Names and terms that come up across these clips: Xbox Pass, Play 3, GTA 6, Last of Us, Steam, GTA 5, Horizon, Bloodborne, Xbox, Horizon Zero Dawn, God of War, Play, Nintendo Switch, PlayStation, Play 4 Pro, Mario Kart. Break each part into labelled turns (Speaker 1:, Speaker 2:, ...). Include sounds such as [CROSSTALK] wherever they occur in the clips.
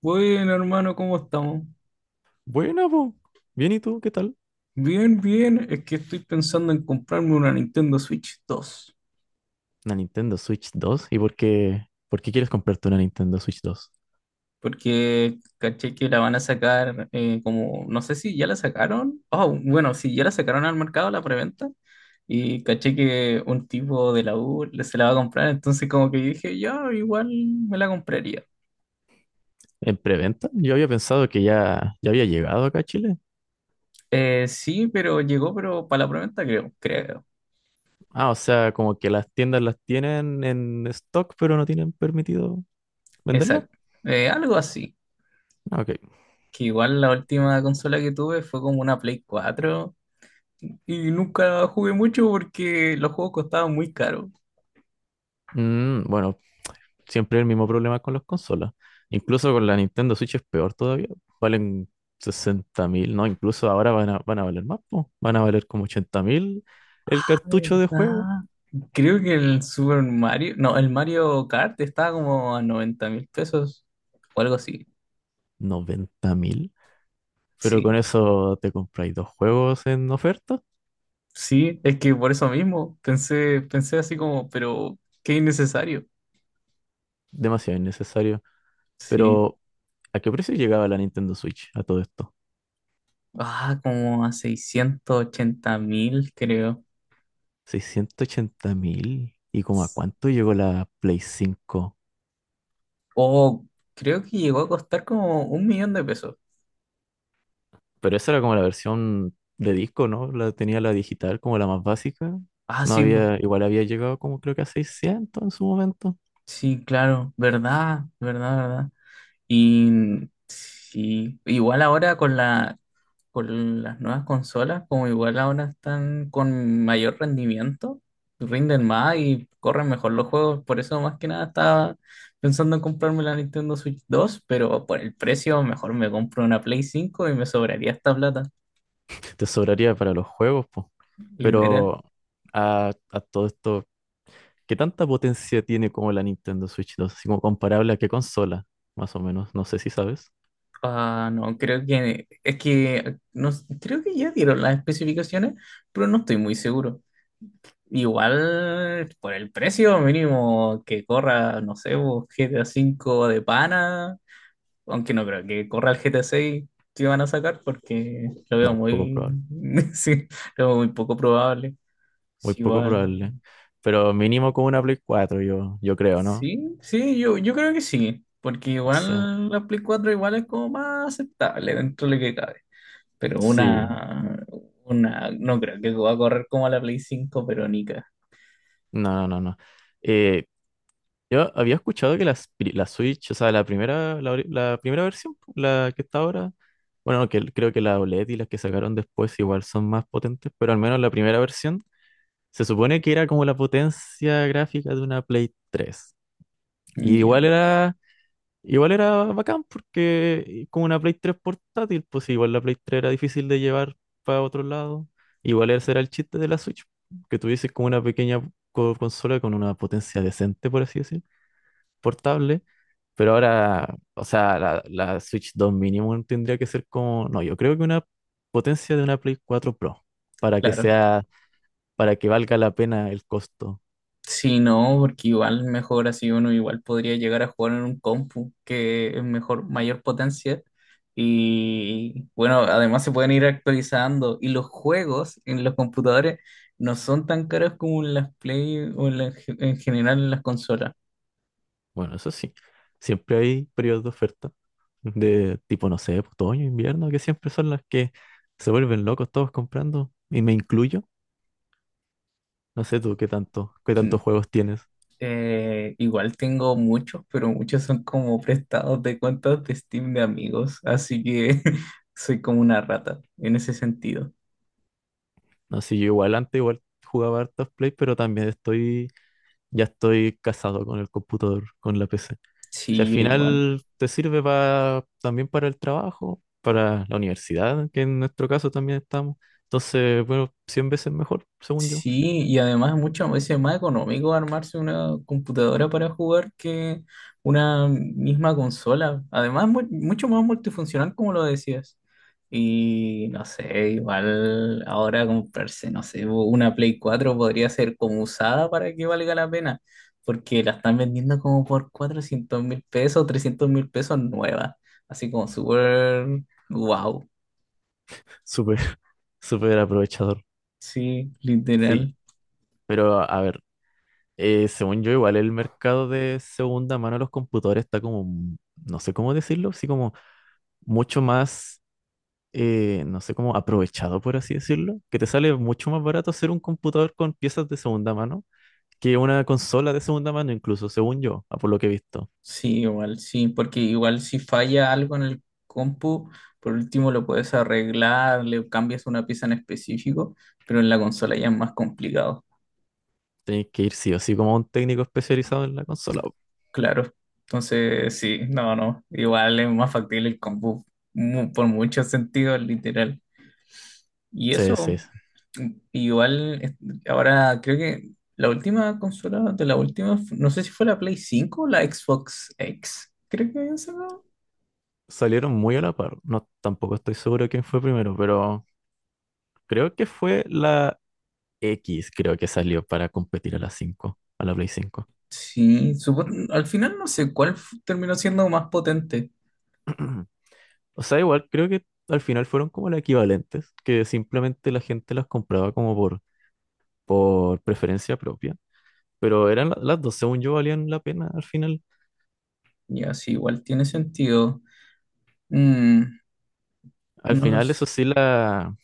Speaker 1: Bueno, hermano, ¿cómo estamos?
Speaker 2: Buena, po. Bien, ¿y tú? ¿Qué tal?
Speaker 1: Bien, bien. Es que estoy pensando en comprarme una Nintendo Switch dos
Speaker 2: Una Nintendo Switch 2. ¿Y Por qué quieres comprarte una Nintendo Switch 2?
Speaker 1: porque caché que la van a sacar como, no sé si ya la sacaron. Oh, bueno, si ya la sacaron al mercado, la preventa. Y caché que un tipo de la U se la va a comprar, entonces como que dije, ya, igual me la compraría.
Speaker 2: ¿En preventa? Yo había pensado que ya había llegado acá a Chile.
Speaker 1: Sí, pero llegó, pero para la preventa creo.
Speaker 2: Ah, o sea, como que las tiendas las tienen en stock, pero no tienen permitido venderla.
Speaker 1: Exacto. Algo así.
Speaker 2: Ah, OK.
Speaker 1: Que igual la última consola que tuve fue como una Play cuatro. Y nunca jugué mucho porque los juegos costaban muy caro.
Speaker 2: Bueno, siempre el mismo problema con las consolas. Incluso con la Nintendo Switch es peor todavía. Valen 60.000, ¿no? Incluso ahora van a valer más, po. Van a valer como 80.000 el
Speaker 1: Ah,
Speaker 2: cartucho de juego.
Speaker 1: ¿verdad? Creo que el Super Mario, no, el Mario Kart estaba como a 90 mil pesos o algo así.
Speaker 2: 90.000. Pero con
Speaker 1: Sí,
Speaker 2: eso te compráis dos juegos en oferta.
Speaker 1: sí, es que por eso mismo pensé así como, pero qué innecesario.
Speaker 2: Demasiado innecesario.
Speaker 1: Sí,
Speaker 2: Pero, ¿a qué precio llegaba la Nintendo Switch a todo esto?
Speaker 1: ah, como a 680 mil, creo.
Speaker 2: 680 mil. ¿Y como a cuánto llegó la Play 5?
Speaker 1: O creo que llegó a costar como un millón de pesos.
Speaker 2: Pero esa era como la versión de disco, ¿no? La tenía la digital como la más básica.
Speaker 1: Ah,
Speaker 2: No
Speaker 1: sí, po.
Speaker 2: había, igual había llegado como creo que a 600 en su momento.
Speaker 1: Sí, claro, verdad, verdad, verdad. Y sí, igual ahora con con las nuevas consolas, como igual ahora están con mayor rendimiento, rinden más y corren mejor los juegos. Por eso más que nada estaba pensando en comprarme la Nintendo Switch dos, pero por el precio mejor me compro una Play cinco y me sobraría esta plata,
Speaker 2: Te sobraría para los juegos, pues.
Speaker 1: literal.
Speaker 2: Pero a todo esto, ¿qué tanta potencia tiene como la Nintendo Switch 2? Así como comparable a qué consola, más o menos. No sé si sabes.
Speaker 1: Ah, no, creo que es que no, creo que ya dieron las especificaciones, pero no estoy muy seguro. Igual por el precio mínimo que corra, no sé, vos, GTA 5 de pana, aunque no creo que corra el GTA 6 que van a sacar porque lo veo
Speaker 2: No, poco
Speaker 1: muy,
Speaker 2: probable.
Speaker 1: [LAUGHS] sí, lo veo muy poco probable.
Speaker 2: Muy
Speaker 1: Sí,
Speaker 2: poco
Speaker 1: igual,
Speaker 2: probable. Pero mínimo como una Play 4, yo creo, ¿no?
Speaker 1: sí, yo creo que sí, porque
Speaker 2: O sea,
Speaker 1: igual la Play cuatro igual es como más aceptable dentro de lo que cabe, pero
Speaker 2: sí.
Speaker 1: una, no creo que va a correr como la Play cinco pero ni ca-
Speaker 2: No, no, no, no. Eh, yo había escuchado que la Switch, o sea, la primera, la primera versión, la que está ahora, bueno, que creo que la OLED y las que sacaron después igual son más potentes, pero al menos la primera versión se supone que era como la potencia gráfica de una Play 3. Y igual
Speaker 1: Ya,
Speaker 2: era, igual era bacán porque con una Play 3 portátil, pues sí, igual la Play 3 era difícil de llevar para otro lado. Igual ese era el chiste de la Switch, que tuviese como una pequeña consola con una potencia decente, por así decir, portable. Pero ahora, o sea, la Switch 2 mínimo tendría que ser como, no, yo creo que una potencia de una Play 4 Pro, para que
Speaker 1: claro.
Speaker 2: sea, para que valga la pena el costo.
Speaker 1: Sí, no, porque igual mejor así uno igual podría llegar a jugar en un compu que es mejor, mayor potencia. Y bueno, además se pueden ir actualizando. Y los juegos en los computadores no son tan caros como en las Play en general en las consolas.
Speaker 2: Bueno, eso sí. Siempre hay periodos de oferta, de tipo, no sé, otoño, invierno, que siempre son las que se vuelven locos todos comprando, y me incluyo. No sé tú qué tantos
Speaker 1: Mm,
Speaker 2: juegos tienes.
Speaker 1: Igual tengo muchos, pero muchos son como prestados de cuentas de Steam de amigos. Así que [LAUGHS] soy como una rata en ese sentido.
Speaker 2: No sé, yo igual antes igual jugaba hartos Play, pero también ya estoy casado con el computador, con la PC. Si al
Speaker 1: Sí, igual.
Speaker 2: final te sirve también para el trabajo, para la universidad, que en nuestro caso también estamos. Entonces, bueno, 100 veces mejor, según yo.
Speaker 1: Sí, y además muchas veces es más económico armarse una computadora para jugar que una misma consola. Además, mucho más multifuncional, como lo decías. Y no sé, igual ahora comprarse, no sé, una Play cuatro podría ser como usada para que valga la pena, porque la están vendiendo como por 400 mil pesos, 300 mil pesos nueva. Así como súper wow,
Speaker 2: Súper, [LAUGHS] súper aprovechador.
Speaker 1: sí,
Speaker 2: Sí,
Speaker 1: literal.
Speaker 2: pero a ver, según yo, igual el mercado de segunda mano de los computadores está como, no sé cómo decirlo, así como mucho más, no sé cómo, aprovechado, por así decirlo, que te sale mucho más barato hacer un computador con piezas de segunda mano que una consola de segunda mano, incluso, según yo, a por lo que he visto.
Speaker 1: Sí, igual, sí, porque igual si falla algo en el compu, por último lo puedes arreglar, le cambias una pieza en específico, pero en la consola ya es más complicado,
Speaker 2: Tenéis que ir sí o sí como a un técnico especializado en la consola.
Speaker 1: claro. Entonces, sí, no, no, igual es más factible el compu, por muchos sentidos, literal. Y
Speaker 2: Sí,
Speaker 1: eso,
Speaker 2: sí, sí.
Speaker 1: igual, ahora creo que la última consola de la última, no sé si fue la Play cinco o la Xbox X, creo que esa. ¿No?
Speaker 2: Salieron muy a la par. No, tampoco estoy seguro quién fue primero, pero creo que fue la X, creo que salió para competir a la Play 5.
Speaker 1: Sí, al final no sé terminó siendo más potente.
Speaker 2: [CLEARS THROAT] O sea, igual creo que al final fueron como las equivalentes, que simplemente la gente las compraba como por preferencia propia. Pero eran las dos, según yo, valían la pena al final.
Speaker 1: Ya, sí, igual tiene sentido. Mm,
Speaker 2: Al
Speaker 1: no
Speaker 2: final, eso
Speaker 1: los...
Speaker 2: sí, la,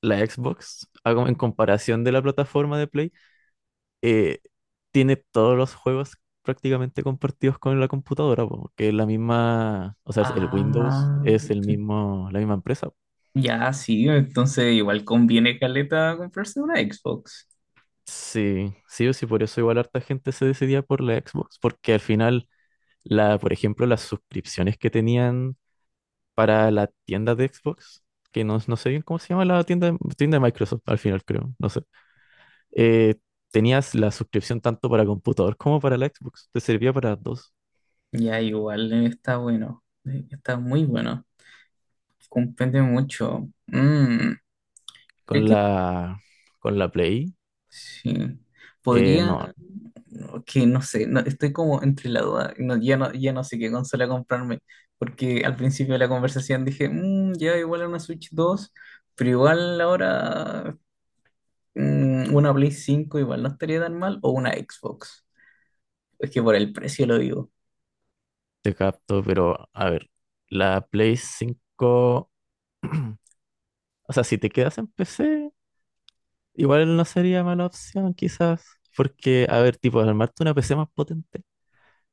Speaker 2: la Xbox, en comparación de la plataforma de Play, eh, tiene todos los juegos prácticamente compartidos con la computadora, porque es la misma, o sea, el Windows
Speaker 1: Ah,
Speaker 2: es el mismo, la misma empresa.
Speaker 1: ya, sí, entonces igual conviene caleta comprarse una Xbox.
Speaker 2: Sí, sí o sí, por eso igual harta gente se decidía por la Xbox, porque al final, la, por ejemplo, las suscripciones que tenían para la tienda de Xbox, que no sé bien cómo se llama la tienda, tienda de Microsoft, al final creo, no sé, eh, tenías la suscripción tanto para computador como para la Xbox, te servía para las dos.
Speaker 1: Ya, igual está bueno. Está muy bueno. Comprende mucho. Mm, creo
Speaker 2: Con
Speaker 1: que
Speaker 2: la, con la Play,
Speaker 1: sí. Podría.
Speaker 2: no,
Speaker 1: No, que no sé, no, estoy como entre la duda, no, ya no, ya no sé qué consola comprarme, porque al principio de la conversación dije, "Mm, ya igual a una Switch 2 pero igual ahora una Play 5 igual no estaría tan mal, o una Xbox, es que por el precio lo digo".
Speaker 2: te capto, pero a ver, la Play 5, [CLEARS THROAT] o sea, si te quedas en PC... Igual no sería mala opción, quizás, porque, a ver, tipo, armarte una PC más potente,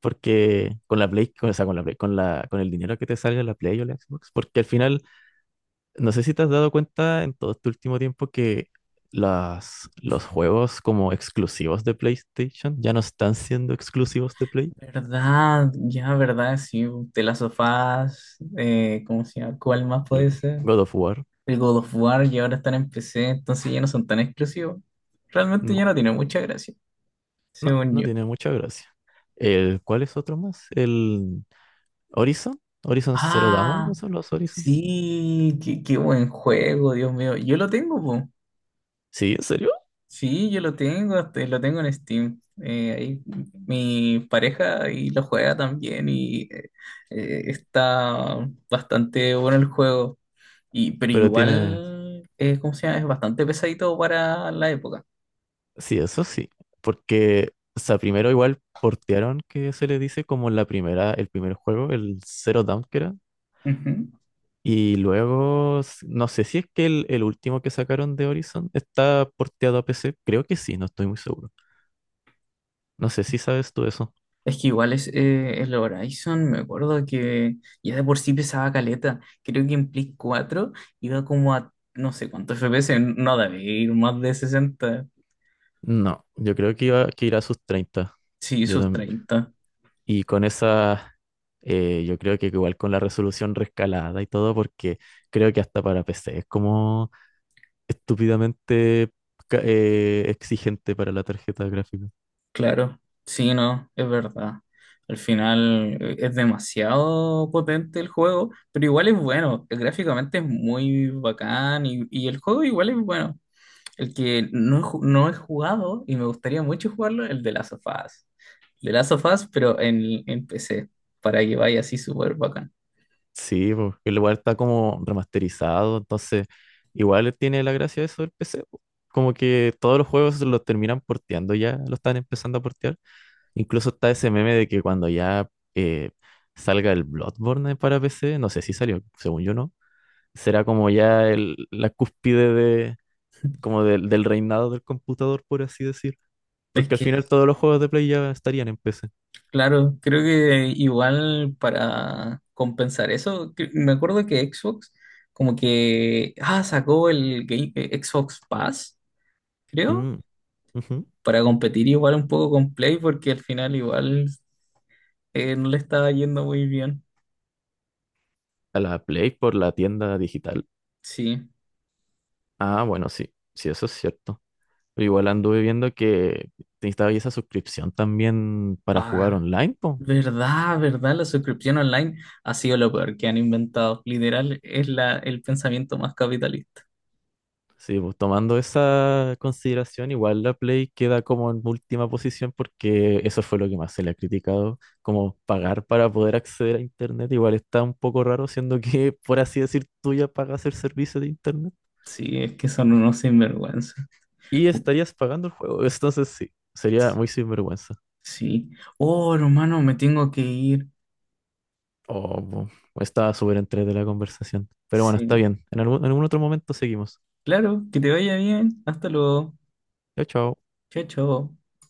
Speaker 2: porque con la Play, o sea, con la Play- con la, con el dinero que te salga en la Play o la Xbox, porque al final, no sé si te has dado cuenta en todo este último tiempo que los juegos como exclusivos de PlayStation ya no están siendo exclusivos de Play.
Speaker 1: ¿Verdad? Ya, ¿verdad? Sí, de las sofás, ¿cómo se llama? ¿Cuál más
Speaker 2: El
Speaker 1: puede ser?
Speaker 2: God of War,
Speaker 1: El God of War, y ahora están en PC, entonces ya no son tan exclusivos. Realmente
Speaker 2: no,
Speaker 1: ya no tiene mucha gracia,
Speaker 2: no,
Speaker 1: según
Speaker 2: no
Speaker 1: yo.
Speaker 2: tiene mucha gracia. ¿Cuál es otro más? El Horizon, Horizon Zero Dawn,
Speaker 1: Ah,
Speaker 2: esos son los Horizon.
Speaker 1: sí, qué, qué buen juego, Dios mío. Yo lo tengo, po.
Speaker 2: Sí, ¿en serio?
Speaker 1: Sí, yo lo tengo, lo tengo en Steam. Ahí mi pareja y lo juega también y está bastante bueno el juego. Y, pero
Speaker 2: Pero tiene
Speaker 1: igual, ¿cómo se llama? Es bastante pesadito para la época.
Speaker 2: Sí, eso sí, porque, o sea, primero igual portearon, que se le dice como la primera, el primer juego, el Zero Dawn que era,
Speaker 1: Ujú.
Speaker 2: y luego, no sé si es que el último que sacaron de Horizon está porteado a PC, creo que sí, no estoy muy seguro. No sé si sabes tú eso.
Speaker 1: Es que igual es el Horizon, me acuerdo que ya de por sí pesaba caleta. Creo que en Play cuatro iba como a no sé cuántos FPS, no debe ir más de sesenta.
Speaker 2: No, yo creo que irá a sus 30.
Speaker 1: Sí,
Speaker 2: Yo
Speaker 1: sus
Speaker 2: tam-
Speaker 1: treinta,
Speaker 2: Y con esa, yo creo que igual con la resolución rescalada y todo, porque creo que hasta para PC es como estúpidamente exigente para la tarjeta gráfica.
Speaker 1: claro. Sí, no, es verdad. Al final es demasiado potente el juego, pero igual es bueno. Gráficamente es muy bacán y el juego igual es bueno. El que no he jugado y me gustaría mucho jugarlo, el de Last of Us. El de Last of Us, pero en PC, para que vaya así súper bacán.
Speaker 2: Sí, porque el lugar está como remasterizado, entonces igual tiene la gracia eso del PC, po. Como que todos los juegos los terminan porteando ya, lo están empezando a portear. Incluso está ese meme de que cuando ya eh, salga el Bloodborne para PC, no sé si salió, según yo no, será como ya la cúspide de, como del reinado del computador, por así decir.
Speaker 1: Es
Speaker 2: Porque al
Speaker 1: que,
Speaker 2: final todos los juegos de Play ya estarían en PC.
Speaker 1: claro, creo que igual para compensar eso, me acuerdo que Xbox como que, ah, sacó el Xbox Pass, creo,
Speaker 2: Mm, ujú.
Speaker 1: para competir igual un poco con Play, porque al final igual no le estaba yendo muy bien.
Speaker 2: A la Play por la tienda digital.
Speaker 1: Sí.
Speaker 2: Ah, bueno, sí, sí, eso es cierto. Pero igual anduve viendo que te estaba ahí esa suscripción también para jugar
Speaker 1: Ah.
Speaker 2: online, po.
Speaker 1: ¿Verdad, verdad? La suscripción online ha sido lo peor que han inventado. Literal, es la, el pensamiento más capitalista.
Speaker 2: Sí, pues tomando esa consideración, igual la Play queda como en última posición porque eso fue lo que más se le ha criticado, como pagar para poder acceder a Internet, igual está un poco raro, siendo que, por así decir, tú ya pagas el servicio de Internet
Speaker 1: Sí, es que son unos sinvergüenza.
Speaker 2: y estarías pagando el juego, [LAUGHS] entonces sí, sería muy sinvergüenza.
Speaker 1: Sí. Oh, hermano, me tengo que ir.
Speaker 2: Oh, o estaba súper entre de la conversación. Pero bueno, está
Speaker 1: Sí.
Speaker 2: bien. En algún otro momento seguimos.
Speaker 1: Claro, que te vaya bien. Hasta luego.
Speaker 2: Chao, chao.
Speaker 1: Chao, chao.